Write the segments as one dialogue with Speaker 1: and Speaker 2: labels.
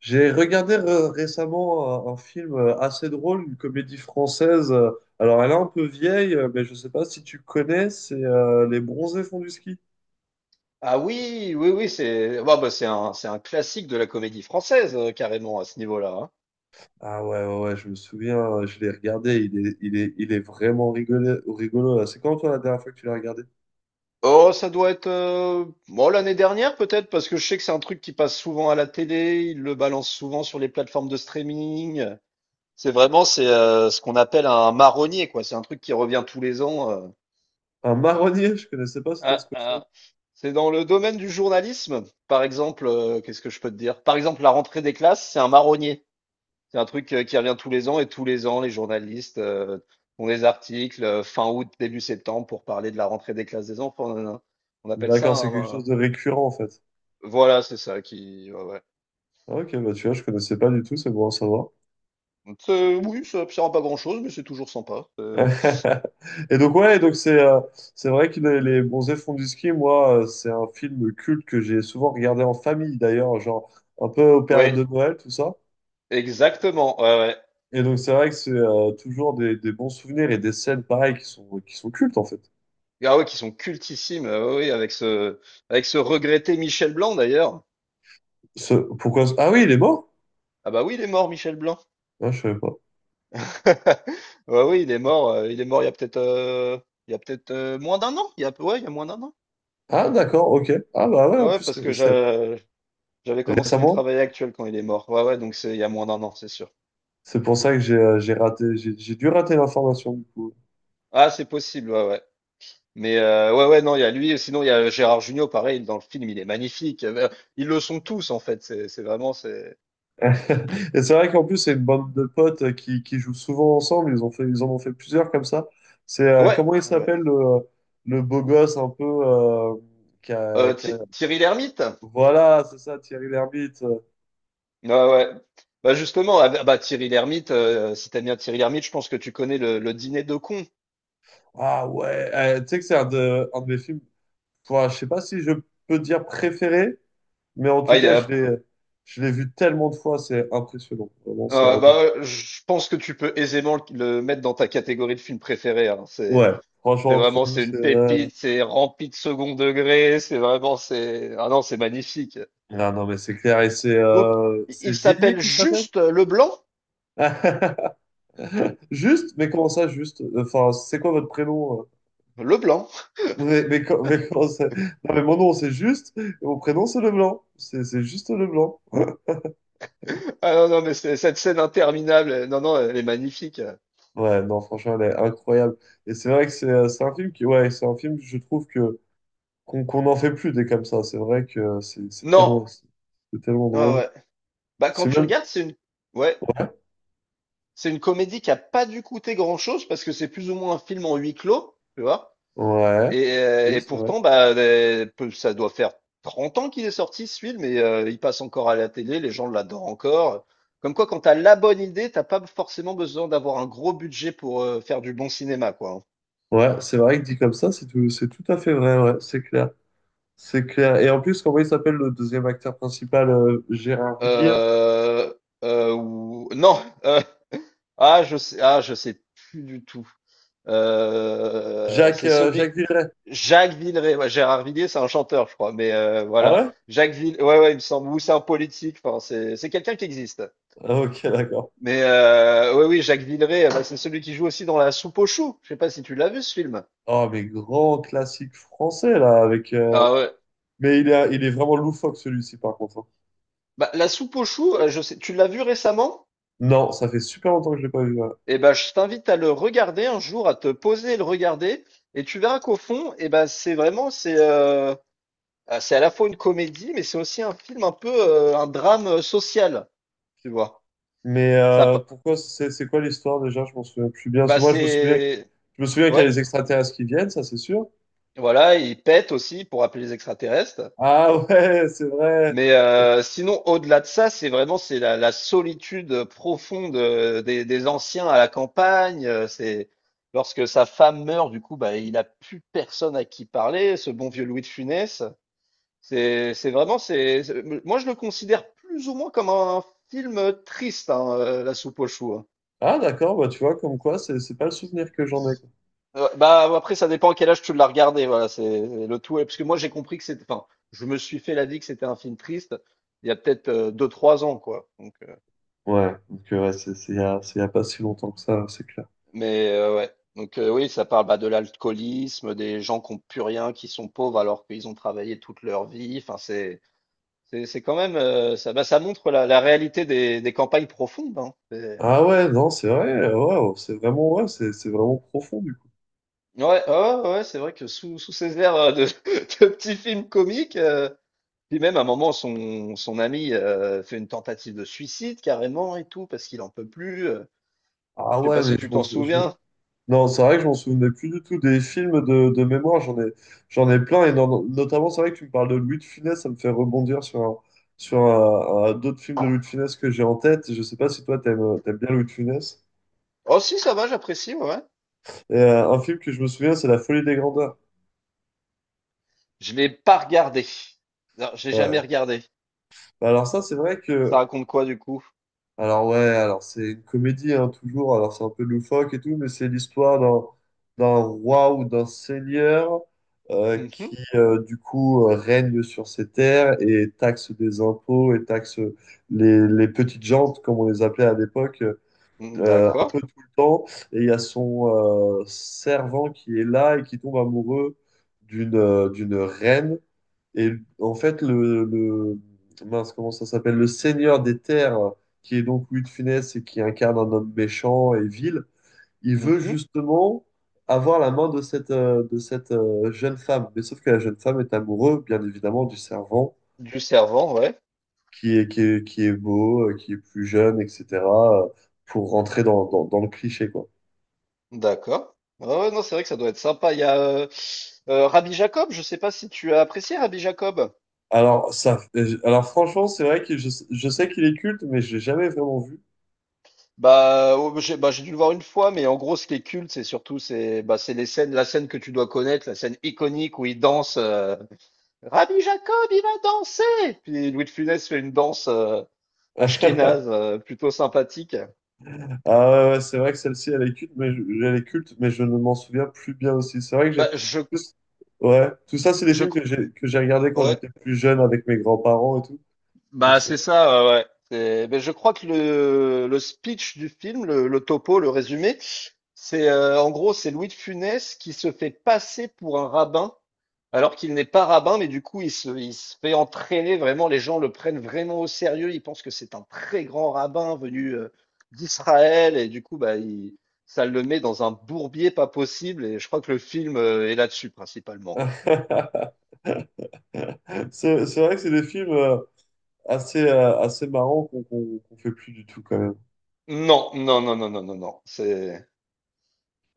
Speaker 1: J'ai regardé récemment un film assez drôle, une comédie française. Alors, elle est un peu vieille, mais je ne sais pas si tu connais, c'est Les Bronzés font du ski.
Speaker 2: Ah, oui, oui, oui, c'est bah, bah, c'est un classique de la comédie française, carrément, à ce niveau-là, hein.
Speaker 1: Ah ouais, ouais, ouais, je me souviens, je l'ai regardé, il est vraiment rigolo. Là. C'est quand toi la dernière fois que tu l'as regardé?
Speaker 2: Oh, ça doit être bon, l'année dernière peut-être, parce que je sais que c'est un truc qui passe souvent à la télé, ils le balancent souvent sur les plateformes de streaming. C'est vraiment c'est ce qu'on appelle un marronnier, quoi. C'est un truc qui revient tous les ans.
Speaker 1: Un marronnier, je connaissais pas cette
Speaker 2: Ah,
Speaker 1: expression.
Speaker 2: ah. C'est dans le domaine du journalisme, par exemple, qu'est-ce que je peux te dire? Par exemple, la rentrée des classes, c'est un marronnier. C'est un truc qui revient tous les ans, et tous les ans, les journalistes font des articles fin août, début septembre pour parler de la rentrée des classes des enfants. Nanana. On appelle ça
Speaker 1: D'accord, c'est quelque
Speaker 2: un...
Speaker 1: chose de récurrent en fait.
Speaker 2: Voilà, c'est ça qui. Ouais, ouais.
Speaker 1: Ah, ok, bah tu vois, je connaissais pas du tout, c'est bon à savoir.
Speaker 2: C'est... oui, ça ne sert à pas grand-chose, mais c'est toujours sympa.
Speaker 1: Et donc, ouais, donc c'est vrai que les Bronzés font du ski. Moi, c'est un film culte que j'ai souvent regardé en famille, d'ailleurs, genre un peu aux périodes
Speaker 2: Ouais,
Speaker 1: de Noël, tout ça.
Speaker 2: exactement. Ouais, ouais.
Speaker 1: Et donc, c'est vrai que c'est toujours des bons souvenirs et des scènes pareilles qui sont cultes, en fait.
Speaker 2: Ah ouais, qui sont cultissimes. Ouais, ouais, avec ce regretté Michel Blanc d'ailleurs.
Speaker 1: Pourquoi... Ah oui, il est mort?
Speaker 2: Ah bah oui, il est mort, Michel Blanc.
Speaker 1: Ah, je savais pas.
Speaker 2: Ouais, oui, il est mort. Il est mort il y a peut-être, il y a peut-être moins d'un an. Il y a, ouais, il y a moins d'un an.
Speaker 1: Ah, d'accord, ok. Ah, bah ouais, en
Speaker 2: Ouais,
Speaker 1: plus,
Speaker 2: j'avais commencé mon
Speaker 1: récemment,
Speaker 2: travail actuel quand il est mort. Ouais, ouais, donc c'est il y a moins d'un an, c'est sûr.
Speaker 1: c'est pour ça que j'ai raté, j'ai dû rater l'information, du coup.
Speaker 2: Ah, c'est possible, ouais, ouais. Mais ouais, ouais, non, il y a lui, et sinon il y a Gérard Jugnot, pareil, dans le film, il est magnifique. Ils le sont tous, en fait, c'est vraiment, c'est...
Speaker 1: Et c'est vrai qu'en plus, c'est une bande de potes qui jouent souvent ensemble. Ils ont fait, ils en ont fait plusieurs comme ça. C'est
Speaker 2: Ouais,
Speaker 1: comment il
Speaker 2: ouais.
Speaker 1: s'appelle le beau gosse un peu qui a- qui a-
Speaker 2: Thierry Lhermitte?
Speaker 1: Voilà, c'est ça, Thierry Lhermitte.
Speaker 2: Ouais, ouais. Bah justement, ah, bah Thierry Lhermitte, si t'aimes bien Thierry Lhermitte, je pense que tu connais le dîner de cons.
Speaker 1: Ah ouais, tu sais que c'est un de mes films. Enfin, je sais pas si je peux dire préféré, mais en tout
Speaker 2: Ah, il
Speaker 1: cas,
Speaker 2: a,
Speaker 1: je l'ai vu tellement de fois, c'est impressionnant. Vraiment, c'est un...
Speaker 2: bah, je pense que tu peux aisément le mettre dans ta catégorie de film préféré, hein, c'est...
Speaker 1: Ouais, franchement,
Speaker 2: C'est
Speaker 1: entre
Speaker 2: vraiment,
Speaker 1: nous,
Speaker 2: c'est
Speaker 1: c'est...
Speaker 2: une
Speaker 1: euh,
Speaker 2: pépite, c'est rempli de second degré, c'est vraiment, c'est, ah non, c'est magnifique.
Speaker 1: Non, non, mais c'est clair. Et
Speaker 2: Donc,
Speaker 1: c'est
Speaker 2: il
Speaker 1: Villiers
Speaker 2: s'appelle
Speaker 1: qui s'appelle?
Speaker 2: juste Leblanc?
Speaker 1: Juste, mais comment ça, juste? Enfin, c'est quoi votre prénom?
Speaker 2: Leblanc.
Speaker 1: Mais, mais comment ça? Non, mais mon nom, c'est juste, et mon prénom, c'est Leblanc. C'est juste Leblanc.
Speaker 2: Ah non, non, mais c'est- cette scène interminable, non, non, elle est magnifique.
Speaker 1: Ouais, non, franchement, elle est incroyable. Et c'est vrai que c'est un film qui, ouais, c'est un film, je trouve que qu'on n'en fait plus des comme ça. C'est vrai que c'est
Speaker 2: Non,
Speaker 1: tellement, c'est tellement
Speaker 2: ah
Speaker 1: drôle.
Speaker 2: ouais. Bah, quand
Speaker 1: C'est
Speaker 2: tu
Speaker 1: même,
Speaker 2: regardes, c'est une, ouais, c'est une comédie qui a pas dû coûter grand-chose parce que c'est plus ou moins un film en huis clos, tu vois.
Speaker 1: ouais, oui,
Speaker 2: Et
Speaker 1: c'est vrai.
Speaker 2: pourtant, bah, ça doit faire 30 ans qu'il est sorti, ce film, et il passe encore à la télé, les gens l'adorent encore. Comme quoi, quand t'as la bonne idée, t'as pas forcément besoin d'avoir un gros budget pour faire du bon cinéma, quoi, hein.
Speaker 1: Ouais, c'est vrai que dit comme ça, c'est tout à fait vrai, ouais, c'est clair. C'est clair. Et en plus, comment il s'appelle le deuxième acteur principal, Gérard Villiers?
Speaker 2: Euh, ou... Non, ah, je sais plus du tout.
Speaker 1: Jacques,
Speaker 2: C'est celui...
Speaker 1: Jacques Villeret.
Speaker 2: Jacques Villeray, ouais, Gérard Villiers, c'est un chanteur, je crois, mais
Speaker 1: Ah
Speaker 2: voilà.
Speaker 1: ouais?
Speaker 2: Jacques Villeray, ouais, ouais, il me semble, ou c'est un politique, enfin, c'est quelqu'un qui existe.
Speaker 1: Ah, ok, d'accord.
Speaker 2: Mais oui, oui, Jacques Villeray, bah, c'est celui qui joue aussi dans La Soupe aux choux. Je sais pas si tu l'as vu, ce film.
Speaker 1: Oh, mais grand classique français, là, avec...
Speaker 2: Ah ouais.
Speaker 1: Mais il est vraiment loufoque, celui-ci, par contre. Hein.
Speaker 2: Bah, La Soupe aux choux, je sais, tu l'as vu récemment?
Speaker 1: Non, ça fait super longtemps que je l'ai pas vu. Ouais.
Speaker 2: Eh ben, je t'invite à le regarder un jour, à te poser et le regarder, et tu verras qu'au fond, eh ben, c'est vraiment, c'est, ah, c'est à la fois une comédie, mais c'est aussi un film un peu, un drame social, tu vois.
Speaker 1: Mais
Speaker 2: Ça, pa-
Speaker 1: pourquoi... C'est quoi l'histoire, déjà? Je m'en souviens plus bien. Parce que
Speaker 2: bah,
Speaker 1: moi,
Speaker 2: c'est,
Speaker 1: je me souviens qu'il y a
Speaker 2: ouais,
Speaker 1: les extraterrestres qui viennent, ça, c'est sûr.
Speaker 2: voilà, il pète aussi pour appeler les extraterrestres.
Speaker 1: Ah ouais, c'est vrai.
Speaker 2: Mais sinon, au-delà de ça, c'est vraiment c'est la, la solitude profonde des anciens à la campagne. C'est lorsque sa femme meurt, du coup, bah, il a plus personne à qui parler. Ce bon vieux Louis de Funès. C'est vraiment c'est moi, je le considère plus ou moins comme un film triste, hein, La Soupe aux choux, hein.
Speaker 1: Ah, d'accord, bah tu vois, comme quoi, c'est pas le souvenir que j'en ai. Quoi.
Speaker 2: Bah, après ça dépend à quel âge tu l'as regardé. Voilà, c'est le tout. Ouais, parce que moi j'ai compris que c'était, enfin, je me suis fait la vie que c'était un film triste il y a peut-être deux trois ans, quoi.
Speaker 1: Ouais, donc ouais, c'est il y a pas si longtemps que ça, c'est clair.
Speaker 2: Mais ouais, donc oui, ça parle bah, de l'alcoolisme, des gens qui n'ont plus rien, qui sont pauvres alors qu'ils ont travaillé toute leur vie. Enfin, c'est quand même ça bah, ça montre la, la réalité des campagnes profondes, hein. C'est-
Speaker 1: Ah ouais, non, c'est vrai, ouais, oh, c'est vraiment, ouais, c'est vraiment profond, du coup.
Speaker 2: ouais, ouais, ouais, ouais, c'est vrai que sous ces airs de, de petits films comiques, puis même à un moment son ami fait une tentative de suicide carrément et tout parce qu'il en peut plus.
Speaker 1: Ah
Speaker 2: Je sais pas
Speaker 1: ouais, mais
Speaker 2: si
Speaker 1: je
Speaker 2: tu
Speaker 1: m'en
Speaker 2: t'en
Speaker 1: sou- je-
Speaker 2: souviens.
Speaker 1: Non, c'est vrai que je m'en souvenais plus du tout des films de mémoire, j'en ai plein, et notamment, c'est vrai que tu me parles de Louis de Funès, ça me fait rebondir sur d'autres films de Louis de Funès que j'ai en tête, je sais pas si toi t'aimes bien Louis de Funès.
Speaker 2: Oh si, ça va, j'apprécie, ouais, ouais.
Speaker 1: Et, un film que je me souviens, c'est La Folie des Grandeurs.
Speaker 2: Je l'ai pas regardé. Non, j'ai jamais
Speaker 1: Ouais.
Speaker 2: regardé.
Speaker 1: Bah alors ça, c'est vrai
Speaker 2: Ça
Speaker 1: que
Speaker 2: raconte quoi, du coup?
Speaker 1: alors ouais, alors c'est une comédie hein, toujours, alors c'est un peu loufoque et tout, mais c'est l'histoire d'un roi ou d'un seigneur euh, qui
Speaker 2: Mhm.
Speaker 1: euh, du coup euh, règne sur ses terres et taxe des impôts et taxe les petites gens, comme on les appelait à l'époque,
Speaker 2: Mm,
Speaker 1: un
Speaker 2: d'accord.
Speaker 1: peu tout le temps. Et il y a son servant qui est là et qui tombe amoureux d'une reine. Et en fait, mince, comment ça s'appelle? Le Seigneur des Terres, qui est donc Louis de Funès et qui incarne un homme méchant et vil, il veut
Speaker 2: Mhm.
Speaker 1: justement avoir la main de cette, jeune femme. Mais sauf que la jeune femme est amoureuse, bien évidemment, du servant
Speaker 2: Du servant, ouais.
Speaker 1: qui est beau, qui est plus jeune, etc., euh, pour rentrer dans le cliché, quoi.
Speaker 2: D'accord. Ah ouais, non, c'est vrai que ça doit être sympa. Il y a Rabbi Jacob, je sais pas si tu as apprécié Rabbi Jacob.
Speaker 1: Alors, ça, alors franchement, c'est vrai que je sais qu'il est culte, mais je l'ai jamais vraiment vu.
Speaker 2: Bah, oh, bah, j'ai dû le voir une fois, mais en gros, ce qui est culte, c'est surtout c'est bah, c'est les scènes, la scène que tu dois connaître, la scène iconique où il danse. Rabbi Jacob, il va danser! Puis Louis de Funès fait une danse ashkénaze plutôt sympathique.
Speaker 1: Ah ouais, ouais, c'est vrai que celle-ci, elle est culte, mais je ne m'en souviens plus bien aussi. C'est vrai que j'ai...
Speaker 2: Bah, je,
Speaker 1: tout c- Ouais, tout ça, c'est des
Speaker 2: je,
Speaker 1: films
Speaker 2: cr-
Speaker 1: que j'ai regardés quand
Speaker 2: ouais.
Speaker 1: j'étais plus jeune avec mes grands-parents et tout. Donc,
Speaker 2: Bah, c'est
Speaker 1: c'est
Speaker 2: ça, ouais, ouais. C'est- ben, je crois que le speech du film, le topo, le résumé, c'est en gros, c'est Louis de Funès qui se fait passer pour un rabbin, alors qu'il n'est pas rabbin, mais du coup, il se fait entraîner vraiment, les gens le prennent vraiment au sérieux, ils pensent que c'est un très grand rabbin venu d'Israël, et du coup, bah, il- ça le met dans un bourbier pas possible, et je crois que le film est là-dessus principalement, quoi.
Speaker 1: c'est vrai que c'est des films assez marrants qu'on fait plus du tout quand même.
Speaker 2: Non, non, non, non, non, non, non, c'est...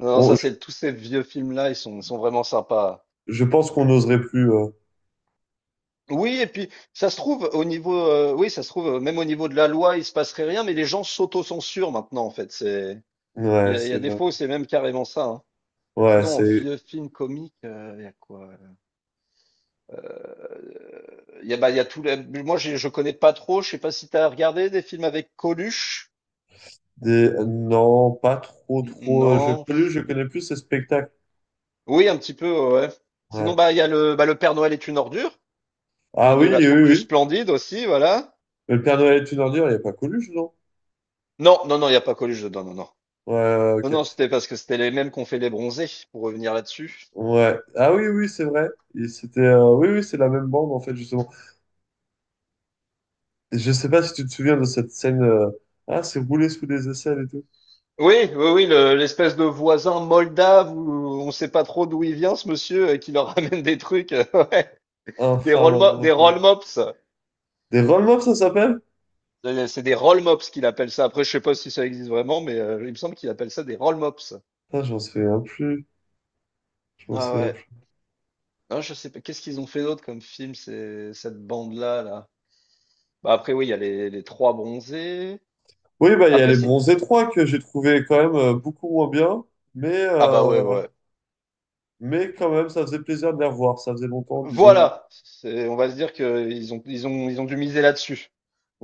Speaker 2: Non, ça
Speaker 1: On- je,
Speaker 2: c'est tous ces vieux films-là, ils sont vraiment sympas.
Speaker 1: je pense qu'on n'oserait plus. Euh.
Speaker 2: Oui, et puis ça se trouve au niveau, oui, ça se trouve même au niveau de la loi, il se passerait rien, mais les gens s'autocensurent maintenant en fait. C'est,
Speaker 1: Ouais,
Speaker 2: il y
Speaker 1: c'est
Speaker 2: a des
Speaker 1: vrai.
Speaker 2: fois où c'est même carrément ça, hein.
Speaker 1: Ouais,
Speaker 2: Sinon, en
Speaker 1: c'est
Speaker 2: vieux film comique, il y a quoi? Il y a, bah, il y a tout. Moi, je connais pas trop. Je sais pas si t'as regardé des films avec Coluche.
Speaker 1: des... Non, pas trop, trop.
Speaker 2: Non.
Speaker 1: Je connais plus ces spectacles.
Speaker 2: Oui, un petit peu, ouais. Sinon,
Speaker 1: Ouais.
Speaker 2: bah, il y a le, bah, le Père Noël est une ordure,
Speaker 1: Ah
Speaker 2: de
Speaker 1: oui,
Speaker 2: la
Speaker 1: oui,
Speaker 2: troupe du
Speaker 1: oui.
Speaker 2: Splendide aussi, voilà.
Speaker 1: Mais le Père Noël est une ordure, il n'y a pas Coluche, non?
Speaker 2: Non, non, non, il y a pas Coluche dedans, non, non.
Speaker 1: Ouais,
Speaker 2: Non,
Speaker 1: ok.
Speaker 2: non, c'était parce que c'était les mêmes qu'ont fait les Bronzés, pour revenir là-dessus.
Speaker 1: Ouais. Ah oui, oui, c'est vrai. Il c'était, oui, oui, c'est la même bande, en fait, justement. Et je sais pas si tu te souviens de cette scène. Ah, c'est roulé sous des aisselles et tout.
Speaker 2: Oui, oui, oui, le- l'espèce de voisin moldave où on sait pas trop d'où il vient, ce monsieur, et qui leur ramène des trucs, ouais, des
Speaker 1: Infâme à
Speaker 2: des
Speaker 1: manger.
Speaker 2: roll mops.
Speaker 1: Des roll ça s'appelle?
Speaker 2: C'est des roll mops qu'il appelle ça. Après, je sais pas si ça existe vraiment, mais il me semble qu'il appelle ça des roll mops.
Speaker 1: Ah, j'en souviens plus. Je m'en
Speaker 2: Ah
Speaker 1: souviens
Speaker 2: ouais.
Speaker 1: plus.
Speaker 2: Ah, je sais pas. Qu'est-ce qu'ils ont fait d'autre comme film, c'est cette bande-là, là. Bah après, oui, il y a les trois Bronzés.
Speaker 1: Oui, bah, il y a
Speaker 2: Après,
Speaker 1: les
Speaker 2: si.
Speaker 1: Bronzés 3 que j'ai trouvé quand même beaucoup moins bien. Mais,
Speaker 2: Ah bah ouais,
Speaker 1: euh,
Speaker 2: ouais.
Speaker 1: mais quand même, ça faisait plaisir de les revoir. Ça faisait longtemps, disons.
Speaker 2: Voilà, c'est, on va se dire qu'ils ont, ils ont, ils ont dû miser là-dessus,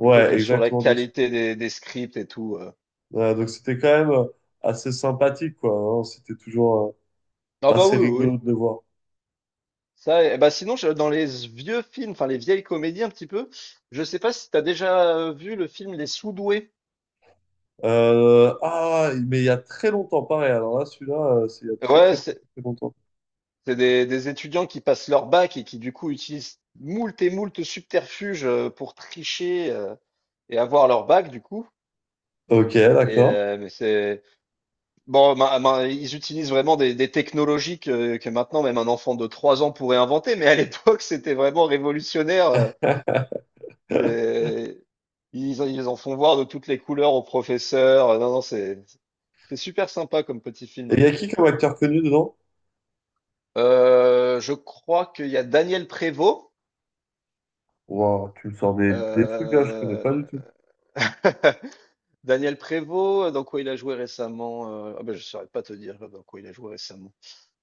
Speaker 2: plutôt que sur la
Speaker 1: exactement. Donc,
Speaker 2: qualité des scripts et tout.
Speaker 1: ouais, donc c'était quand même assez sympathique, quoi. Hein. C'était toujours.
Speaker 2: Ah
Speaker 1: Ah,
Speaker 2: bah
Speaker 1: c'est
Speaker 2: oui, oui, oui.
Speaker 1: rigolo de le voir.
Speaker 2: Ça, et bah sinon, je- dans les vieux films, enfin les vieilles comédies un petit peu, je sais pas si t'as déjà vu le film Les Sous-doués.
Speaker 1: Ah, mais il y a très longtemps, pareil. Alors là, celui-là, c'est il y a très,
Speaker 2: Ouais,
Speaker 1: très, très, très, très longtemps.
Speaker 2: c'est des étudiants qui passent leur bac et qui du coup utilisent moult et moult subterfuges pour tricher et avoir leur bac, du coup.
Speaker 1: Ok,
Speaker 2: Et
Speaker 1: d'accord.
Speaker 2: mais c'est... Bon, ils utilisent vraiment des technologies que maintenant même un enfant de 3 ans pourrait inventer, mais à l'époque c'était vraiment révolutionnaire. C'est- Ils, en- ils en font voir de toutes les couleurs aux professeurs. Non, non, c'est super sympa comme petit
Speaker 1: Et
Speaker 2: film.
Speaker 1: il y a qui comme acteur connu dedans?
Speaker 2: Je crois qu'il y a Daniel Prévost.
Speaker 1: Wow, tu me sors des trucs là, je connais pas
Speaker 2: euh,
Speaker 1: du tout.
Speaker 2: Daniel Prévost, dans quoi il a joué récemment? Ah ben, je saurais pas te dire dans quoi il a joué récemment.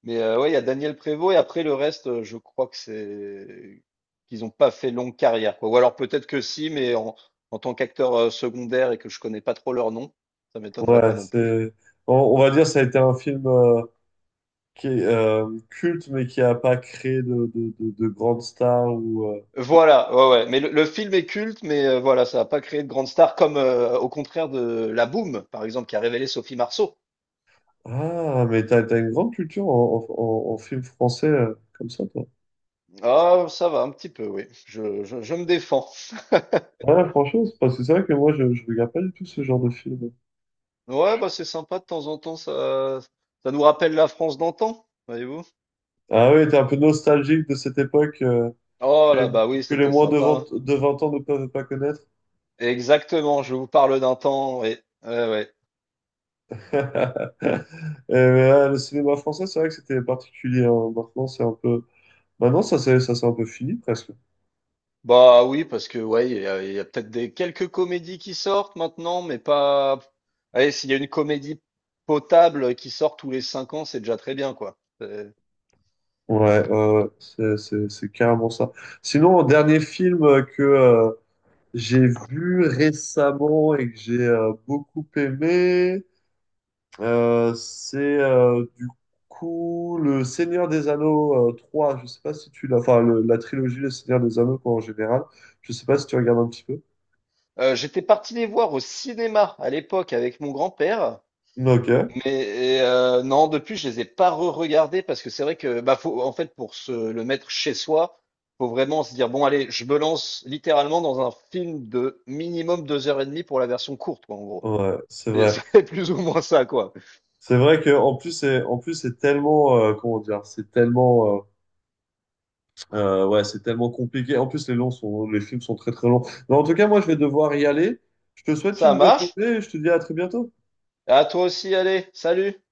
Speaker 2: Mais ouais, il y a Daniel Prévost et après le reste, je crois que c'est qu'ils n'ont pas fait longue carrière, quoi. Ou alors peut-être que si, mais en, en tant qu'acteur secondaire, et que je connais pas trop leur nom, ça m'étonnerait pas
Speaker 1: Ouais,
Speaker 2: non plus.
Speaker 1: c'est. On va dire, ça a été un film qui est culte, mais qui a pas créé de grandes stars ou. Euh.
Speaker 2: Voilà, ouais, ouais. Mais le film est culte, mais voilà, ça n'a pas créé de grande star, comme au contraire de La Boum, par exemple, qui a révélé Sophie Marceau.
Speaker 1: Ah, mais t'as une grande culture en film français comme ça, toi.
Speaker 2: Ah, ça va un petit peu, oui. Je me défends.
Speaker 1: Ouais, franchement, c'est parce que c'est vrai que moi, je regarde pas du tout ce genre de film.
Speaker 2: Ouais, bah c'est sympa de temps en temps, ça nous rappelle la France d'antan, voyez-vous.
Speaker 1: Ah oui, t'es un peu nostalgique de cette époque que
Speaker 2: Oh là,
Speaker 1: les,
Speaker 2: bah oui,
Speaker 1: que les
Speaker 2: c'était
Speaker 1: moins de
Speaker 2: sympa.
Speaker 1: 20 ans ne peuvent pas connaître.
Speaker 2: Exactement, je vous parle d'un temps, ouais. Ouais, ouais.
Speaker 1: Et, mais, ah, le cinéma français, c'est vrai que c'était particulier. Hein. Maintenant, c'est un peu... Maintenant, ça c'est un peu fini presque.
Speaker 2: Bah oui, parce que ouais, il y a peut-être des quelques comédies qui sortent maintenant, mais pas. Allez, s'il y a une comédie potable qui sort tous les 5 ans, c'est déjà très bien, quoi.
Speaker 1: Ouais, c'est carrément ça. Sinon, dernier film que j'ai vu récemment et que j'ai beaucoup aimé, c'est du coup le Seigneur des Anneaux 3. Je sais pas si tu l'as. Enfin, la trilogie Le Seigneur des Anneaux quoi, en général. Je sais pas si tu regardes un petit peu.
Speaker 2: J'étais parti les voir au cinéma à l'époque avec mon grand-père.
Speaker 1: Ok.
Speaker 2: Mais non, depuis, je les ai pas re-regardés parce que c'est vrai que, bah, faut, en fait, pour se le mettre chez soi, faut vraiment se dire, bon, allez, je me lance littéralement dans un film de minimum 2 h 30 pour la version courte, quoi, en gros.
Speaker 1: Ouais, c'est
Speaker 2: C'est
Speaker 1: vrai.
Speaker 2: c'est plus ou moins ça, quoi.
Speaker 1: C'est vrai que en plus c'est tellement ouais, c'est tellement compliqué. En plus les films sont très très longs. Mais en tout cas, moi je vais devoir y aller. Je te souhaite
Speaker 2: Ça
Speaker 1: une bonne
Speaker 2: marche.
Speaker 1: journée et je te dis à très bientôt.
Speaker 2: À toi aussi, allez, salut!